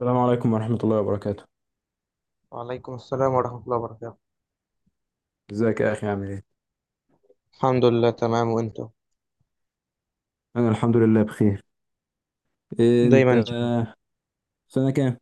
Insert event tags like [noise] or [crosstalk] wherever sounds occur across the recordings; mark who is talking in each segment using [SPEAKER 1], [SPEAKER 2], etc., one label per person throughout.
[SPEAKER 1] السلام عليكم ورحمة الله وبركاته.
[SPEAKER 2] وعليكم السلام ورحمة الله وبركاته.
[SPEAKER 1] ازيك يا أخي عامل ايه؟
[SPEAKER 2] الحمد لله تمام، وانتو
[SPEAKER 1] أنا الحمد لله بخير. إيه
[SPEAKER 2] دايما
[SPEAKER 1] أنت
[SPEAKER 2] إن شاء
[SPEAKER 1] سنة كام؟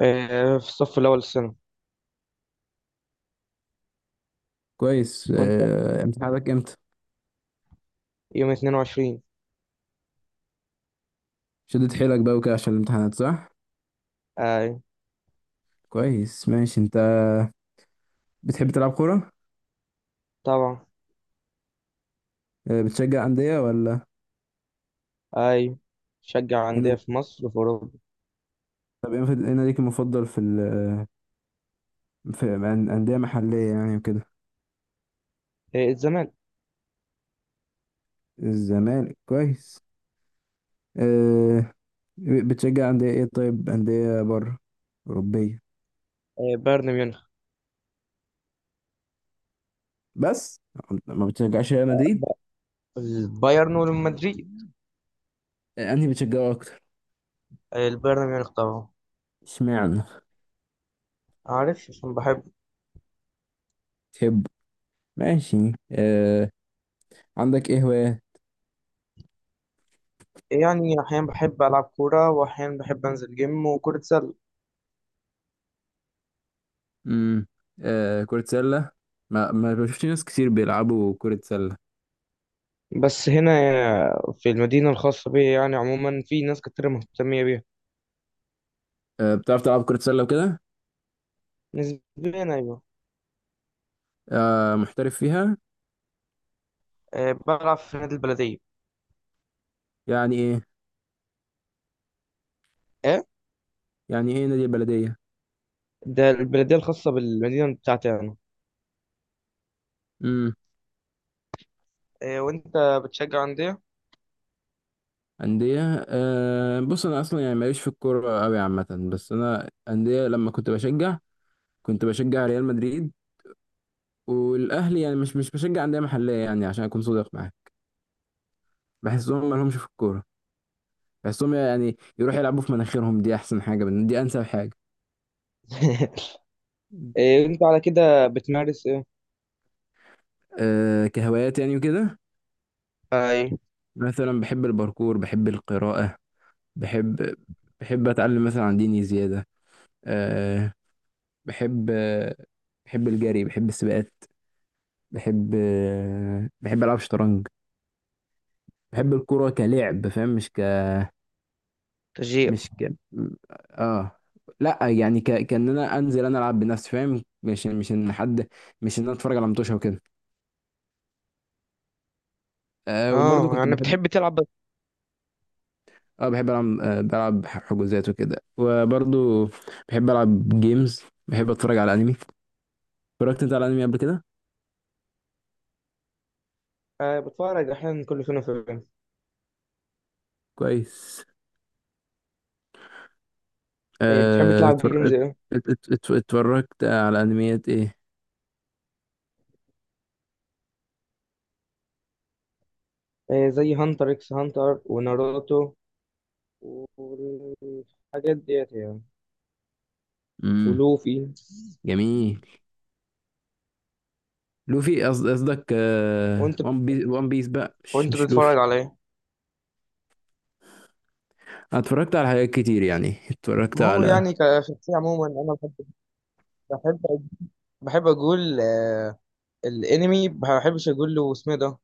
[SPEAKER 2] الله. آه، في الصف الأول السنة.
[SPEAKER 1] كويس،
[SPEAKER 2] وانت؟
[SPEAKER 1] إيه امتحاناتك امتى؟
[SPEAKER 2] يوم 22.
[SPEAKER 1] شدت حيلك بقى وكده عشان الامتحانات صح؟
[SPEAKER 2] اي.
[SPEAKER 1] كويس ماشي. أنت بتحب تلعب كورة؟
[SPEAKER 2] طبعا.
[SPEAKER 1] إيه بتشجع أندية ولا
[SPEAKER 2] اي، شجع
[SPEAKER 1] ايه
[SPEAKER 2] أندية
[SPEAKER 1] نادي-
[SPEAKER 2] في مصر وفي أوروبا.
[SPEAKER 1] طب ايه نادي- ايه ناديك المفضل في ال في أندية محلية يعني وكده؟
[SPEAKER 2] آه الزمالك.
[SPEAKER 1] الزمالك كويس. إيه بتشجع أندية ايه؟ طيب أندية بره أوروبية
[SPEAKER 2] آه بايرن ميونخ.
[SPEAKER 1] بس، ما بتشجعش ريال مدريد؟
[SPEAKER 2] البايرن والمدريد.
[SPEAKER 1] إيه، أنهي بتشجعه أكتر؟
[SPEAKER 2] آه البايرن ميونخ طبعا.
[SPEAKER 1] اشمعنى؟
[SPEAKER 2] عارف عشان بحب.
[SPEAKER 1] تحب، ماشي آه. عندك ايه هواية؟
[SPEAKER 2] يعني أحيانا بحب ألعب كورة وأحيانا بحب أنزل جيم وكرة سلة.
[SPEAKER 1] امم آه، كرة سلة. ما بشوفش ناس كتير بيلعبوا كرة سلة.
[SPEAKER 2] بس هنا، في المدينة الخاصة بي يعني عموما في ناس كتير مهتمية بيها.
[SPEAKER 1] آه، بتعرف تلعب كرة سلة وكده؟
[SPEAKER 2] نسبيا أيوة.
[SPEAKER 1] آه، محترف فيها؟
[SPEAKER 2] بلعب في نادي البلدية.
[SPEAKER 1] يعني ايه،
[SPEAKER 2] ايه،
[SPEAKER 1] يعني ايه نادي البلدية؟
[SPEAKER 2] ده البلديه الخاصه بالمدينه بتاعتي انا.
[SPEAKER 1] امم
[SPEAKER 2] وأنت بتشجع أندية؟
[SPEAKER 1] أندية آه. بص أنا أصلا يعني ماليش في الكورة أوي عامة، بس أنا أندية لما كنت بشجع كنت بشجع ريال مدريد والأهلي، يعني مش بشجع أندية محلية يعني عشان أكون صادق معاك. بحسهم مالهمش في الكورة، بس هم يعني يروحوا يلعبوا في مناخيرهم، دي انسب حاجه.
[SPEAKER 2] [laughs] إيه انت على كده بتمارس ايه؟
[SPEAKER 1] أه كهوايات يعني وكده،
[SPEAKER 2] أي،
[SPEAKER 1] مثلا بحب الباركور، بحب القراءه، بحب، بحب اتعلم مثلا عن ديني زياده. أه بحب بحب الجري، بحب السباقات، بحب بحب العب شطرنج، بحب الكوره كلعب فاهم، مش ك
[SPEAKER 2] تشجيع.
[SPEAKER 1] مش ك اه لا يعني كان انا انزل انا العب بنفسي فاهم، مش ان حد، مش ان انا اتفرج على متوشه وكده. أه وبرضه
[SPEAKER 2] اه
[SPEAKER 1] كنت
[SPEAKER 2] يعني
[SPEAKER 1] بحب،
[SPEAKER 2] بتحب تلعب بس.
[SPEAKER 1] اه بحب العب بلعب حجوزات وكده، وبرضو بحب العب جيمز، بحب اتفرج على انمي. اتفرجت انت على انمي قبل كده؟
[SPEAKER 2] آه بتفرج احيانا كل فين وفين.
[SPEAKER 1] كويس
[SPEAKER 2] إيه بتحب
[SPEAKER 1] آه.
[SPEAKER 2] تلعب جيمز ايه؟
[SPEAKER 1] اتفرجت على انميات ايه؟
[SPEAKER 2] إيه زي هانتر اكس هانتر وناروتو والحاجات ديت يعني.
[SPEAKER 1] امم
[SPEAKER 2] ولوفي.
[SPEAKER 1] جميل. لوفي قصدك آه،
[SPEAKER 2] وأنت
[SPEAKER 1] وان بيس، وان بيس بقى مش
[SPEAKER 2] وأنت
[SPEAKER 1] مش لوفي.
[SPEAKER 2] بتتفرج على إيه؟
[SPEAKER 1] أنا اتفرجت على حاجات كتير، يعني اتفرجت
[SPEAKER 2] ما هو
[SPEAKER 1] على،
[SPEAKER 2] يعني كشخصية عموما أنا بحب، بحب بحب أقول الانمي. ما بحبش اقول له اسمه ده،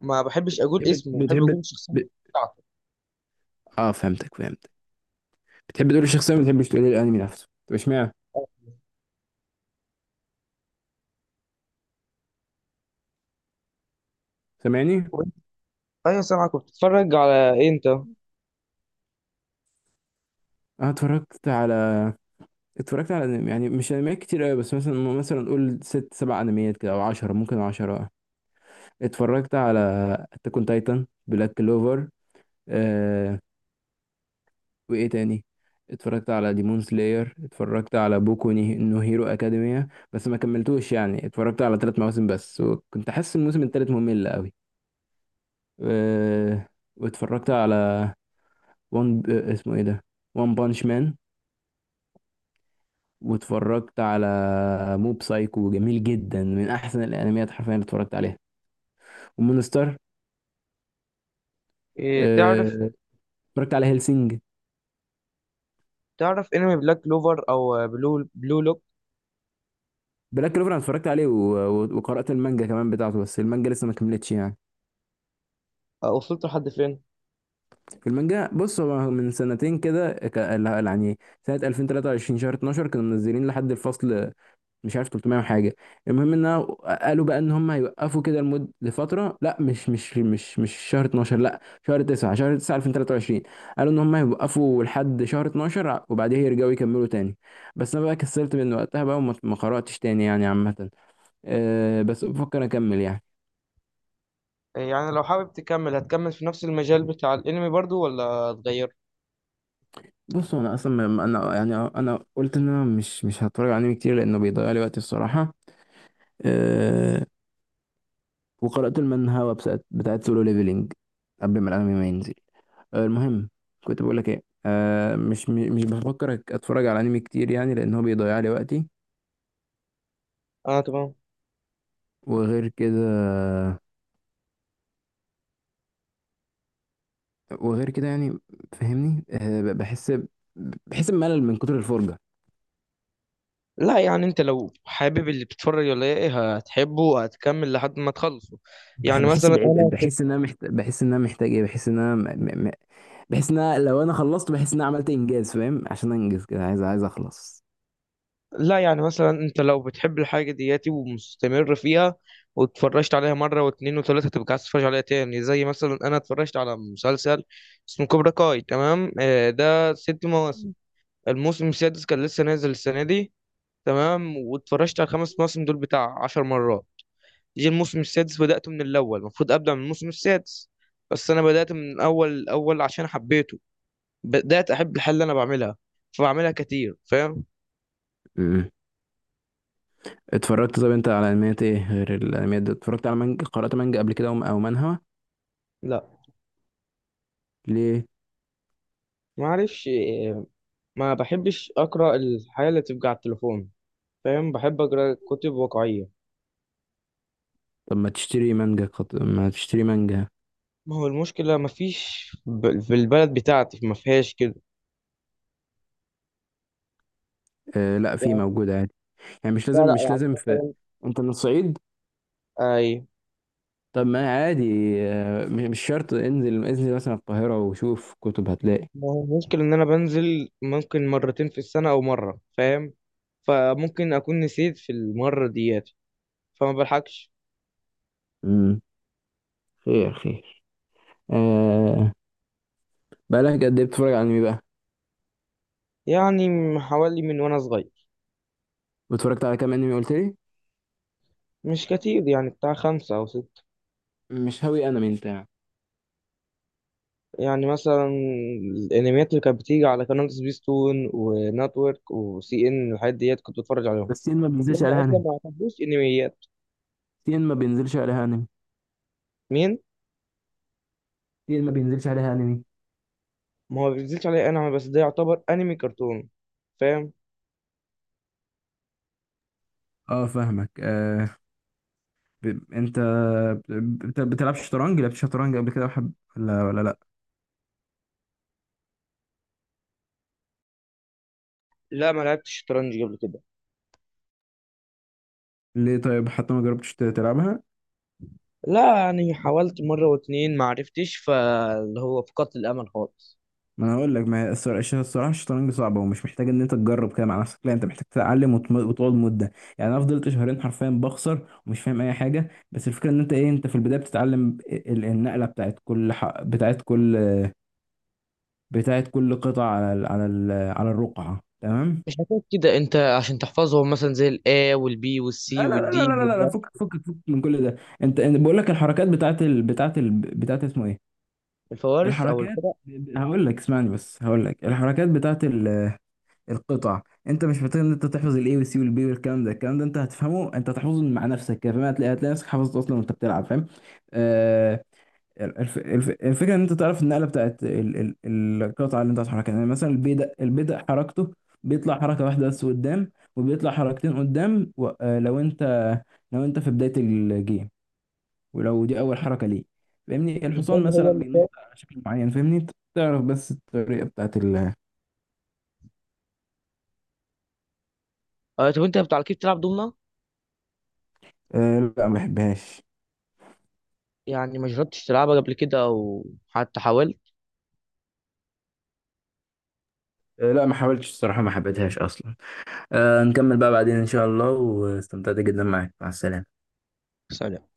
[SPEAKER 2] ما بحبش اقول
[SPEAKER 1] بتحب
[SPEAKER 2] اسمه، بحب
[SPEAKER 1] بتحب
[SPEAKER 2] اقول
[SPEAKER 1] ب...
[SPEAKER 2] الشخصيه بتاعته.
[SPEAKER 1] اه فهمتك فهمتك. بتحب تقول الشخصيه ما بتحبش تقول الانمي نفسه، طب اشمعنى؟ سامعني؟
[SPEAKER 2] وإنت- ايوه سامعك، بتتفرج على ايه انت؟
[SPEAKER 1] انا اتفرجت على، اتفرجت على يعني مش انميات كتير قوي، بس مثلا، مثلا قول ست سبع انميات كده او عشرة، ممكن عشرة. اتفرجت على اتاك اون تايتن، بلاك كلوفر آه، وايه تاني، اتفرجت على ديمون سلاير، اتفرجت على نو هيرو اكاديميا بس ما كملتوش، يعني اتفرجت على ثلاث مواسم بس، وكنت حاسس الموسم الثالث ممل قوي. آه واتفرجت على وان اسمه ايه ده، وان بانش مان، واتفرجت على موب سايكو، جميل جدا، من احسن الانميات حرفيا اللي اتفرجت عليها، ومونستر
[SPEAKER 2] إيه؟ تعرف
[SPEAKER 1] آه، اتفرجت على هيلسينج.
[SPEAKER 2] تعرف انمي بلاك كلوفر او بلو لوك؟
[SPEAKER 1] بلاك كلوفر انا اتفرجت عليه وقرأت المانجا كمان بتاعته، بس المانجا لسه ما كملتش يعني.
[SPEAKER 2] أه، وصلت لحد فين؟
[SPEAKER 1] في المانجا بص هو من سنتين كده ك... لا- يعني سنة 2023 شهر 12 كانوا منزلين لحد الفصل، مش عارف 300 وحاجه. المهم ان أنا، قالوا بقى ان هم هيوقفوا كده لمده لفتره، لا مش شهر 12 لا، شهر 9، شهر 9 2023، قالوا ان هم هيوقفوا لحد شهر 12 وبعدها يرجعوا يكملوا تاني. بس انا بقى كسلت من وقتها بقى، وما ما قراتش تاني يعني عامه. أه بس بفكر اكمل يعني.
[SPEAKER 2] إيه يعني لو حابب تكمل هتكمل في نفس المجال بتاع الانمي برضو ولا تغير؟
[SPEAKER 1] بص انا اصلا انا يعني انا قلت ان انا مش هتفرج على انمي كتير لانه بيضيع لي وقتي الصراحه. أه وقرات المانهوا بتاعت سولو ليفلينج قبل ما الانمي ما ينزل. آه، المهم كنت بقول لك ايه، آه مش بفكر اتفرج على انمي كتير يعني، لان هو بيضيع لي وقتي.
[SPEAKER 2] اه تمام.
[SPEAKER 1] وغير كده، وغير كده يعني فاهمني آه، بحس بحس بملل من كتر الفرجه.
[SPEAKER 2] لا يعني انت لو حابب اللي بتتفرج ولا ايه هتحبه هتكمل لحد ما تخلصه. يعني
[SPEAKER 1] بحس
[SPEAKER 2] مثلا
[SPEAKER 1] بعيد،
[SPEAKER 2] انا.
[SPEAKER 1] بحس ان انا محتاج، بحس ان انا محتاج ايه، بحس ان انا بحس ان أنا لو انا خلصت بحس ان انا عملت انجاز فاهم، عشان انجز كده عايز، عايز اخلص.
[SPEAKER 2] لا يعني مثلا انت لو بتحب الحاجة دياتي ومستمر فيها واتفرجت عليها مرة واتنين وتلاتة هتبقى عايز تتفرج عليها تاني. زي مثلا انا اتفرجت على مسلسل اسمه كوبرا كاي، تمام. ده 6 مواسم. الموسم السادس كان لسه نازل السنة دي، تمام. واتفرجت على الخمس مواسم دول بتاع 10 مرات. جه الموسم السادس بدأته من الأول، المفروض أبدأ من الموسم السادس بس أنا بدأت من أول الأول عشان حبيته. بدأت أحب الحاجة اللي أنا بعملها فبعملها كتير، فاهم؟
[SPEAKER 1] مم. اتفرجت طب انت على انميات ايه غير الانميات دي؟ اتفرجت على مانجا، قرأت مانجا قبل كده او أو منهوا؟
[SPEAKER 2] لا.
[SPEAKER 1] ليه؟
[SPEAKER 2] معرفش. ما بحبش اقرا الحاجه اللي تبقى على التليفون، فاهم، بحب اقرا كتب واقعيه.
[SPEAKER 1] طب ما تشتري مانجا ما تشتري مانجا.
[SPEAKER 2] ما هو المشكله ما فيش ب... في البلد بتاعتي ما فيهاش كده.
[SPEAKER 1] آه لا في
[SPEAKER 2] يعني.
[SPEAKER 1] موجودة عادي، يعني مش
[SPEAKER 2] لا
[SPEAKER 1] لازم،
[SPEAKER 2] لا،
[SPEAKER 1] مش
[SPEAKER 2] يعني
[SPEAKER 1] لازم في.
[SPEAKER 2] مثلا.
[SPEAKER 1] انت من الصعيد؟
[SPEAKER 2] اي.
[SPEAKER 1] طب ما عادي آه، مش شرط انزل، انزل مثلا القاهرة وشوف كتب هتلاقي.
[SPEAKER 2] ما هو المشكله ان انا بنزل ممكن مرتين في السنه او مره، فاهم؟ فممكن اكون نسيت في المره ديت فما بلحقش.
[SPEAKER 1] امم خير خير آه، بقالك قد ايه بتتفرج على انمي بقى؟
[SPEAKER 2] يعني حوالي من وانا صغير.
[SPEAKER 1] واتفرجت على كام انمي قلت لي؟
[SPEAKER 2] مش كتير، يعني بتاع 5 أو 6.
[SPEAKER 1] مش هاوي انمي انت يعني؟
[SPEAKER 2] يعني مثلا الانميات اللي كانت بتيجي على قناه سبيستون ونتورك وسي ان، الحاجات ديت كنت بتفرج عليهم.
[SPEAKER 1] بس سين ما بينزلش
[SPEAKER 2] هم
[SPEAKER 1] عليها
[SPEAKER 2] اصلا
[SPEAKER 1] انمي،
[SPEAKER 2] ما يعتبروش انميات.
[SPEAKER 1] سين ما بينزلش عليها انمي،
[SPEAKER 2] مين؟
[SPEAKER 1] سين ما بينزلش عليها انمي.
[SPEAKER 2] ما هو بينزلش عليه انا بس، ده يعتبر انمي كرتون، فاهم.
[SPEAKER 1] اه فاهمك آه. انت بتلعب شطرنج، لعبت شطرنج قبل كده وحب ولا لا؟
[SPEAKER 2] لا ما لعبتش شطرنج قبل كده.
[SPEAKER 1] ليه طيب، حتى ما جربتش تلعبها؟
[SPEAKER 2] لا يعني حاولت مره واتنين ما عرفتش، فاللي هو فقدت الامل خالص.
[SPEAKER 1] ما انا هقول لك، ما هي الصراحه الشطرنج صعبه، ومش محتاج ان انت تجرب كده مع نفسك، لا انت محتاج تتعلم وتقعد مده. يعني انا فضلت شهرين حرفيا بخسر ومش فاهم اي حاجه، بس الفكره ان انت ايه، انت في البدايه بتتعلم النقله بتاعت كل بتاعت كل قطعه على على الرقعه تمام.
[SPEAKER 2] مش هتقول كده انت عشان تحفظهم مثلا زي الا والبي والسي
[SPEAKER 1] لا لا لا
[SPEAKER 2] والدي
[SPEAKER 1] لا لا لا لا، فكك فكك فكك من كل ده. انت، أنا بقول لك الحركات بتاعت اسمه ايه،
[SPEAKER 2] والفوارس او
[SPEAKER 1] الحركات،
[SPEAKER 2] القراء؟
[SPEAKER 1] هقول لك اسمعني، بس هقول لك الحركات بتاعت ال... القطع، انت مش محتاج ان انت تحفظ الاي والسي والبي والكلام ده، الكلام ده انت هتفهمه، انت هتحفظه مع نفسك كده فاهم، هتلاقي، هتلاقي نفسك حفظته اصلا وانت بتلعب فاهم. آه الفكره ان انت تعرف النقله بتاعت القطعه اللي انت هتحركها، يعني مثلا البي ده، البي ده حركته بيطلع حركه واحده بس قدام، وبيطلع حركتين قدام و... آه لو انت، لو انت في بدايه الجيم، ولو دي اول حركه ليه، فاهمني.
[SPEAKER 2] مش ده
[SPEAKER 1] الحصان
[SPEAKER 2] اللي
[SPEAKER 1] مثلا
[SPEAKER 2] هو اللي
[SPEAKER 1] بينط
[SPEAKER 2] فات.
[SPEAKER 1] على شكل معين فاهمني. تعرف بس الطريقه بتاعت ال...
[SPEAKER 2] طب انت بتاع كيف بتلعب دومنا؟
[SPEAKER 1] آه لا ما بحبهاش.
[SPEAKER 2] يعني ما جربتش تلعبها قبل كده او حتى حاولت؟
[SPEAKER 1] آه، لا ما حاولتش الصراحة، ما حبيتهاش أصلا. آه، نكمل بقى بعدين إن شاء الله، واستمتعت جدا معاك، مع السلامة.
[SPEAKER 2] سلام.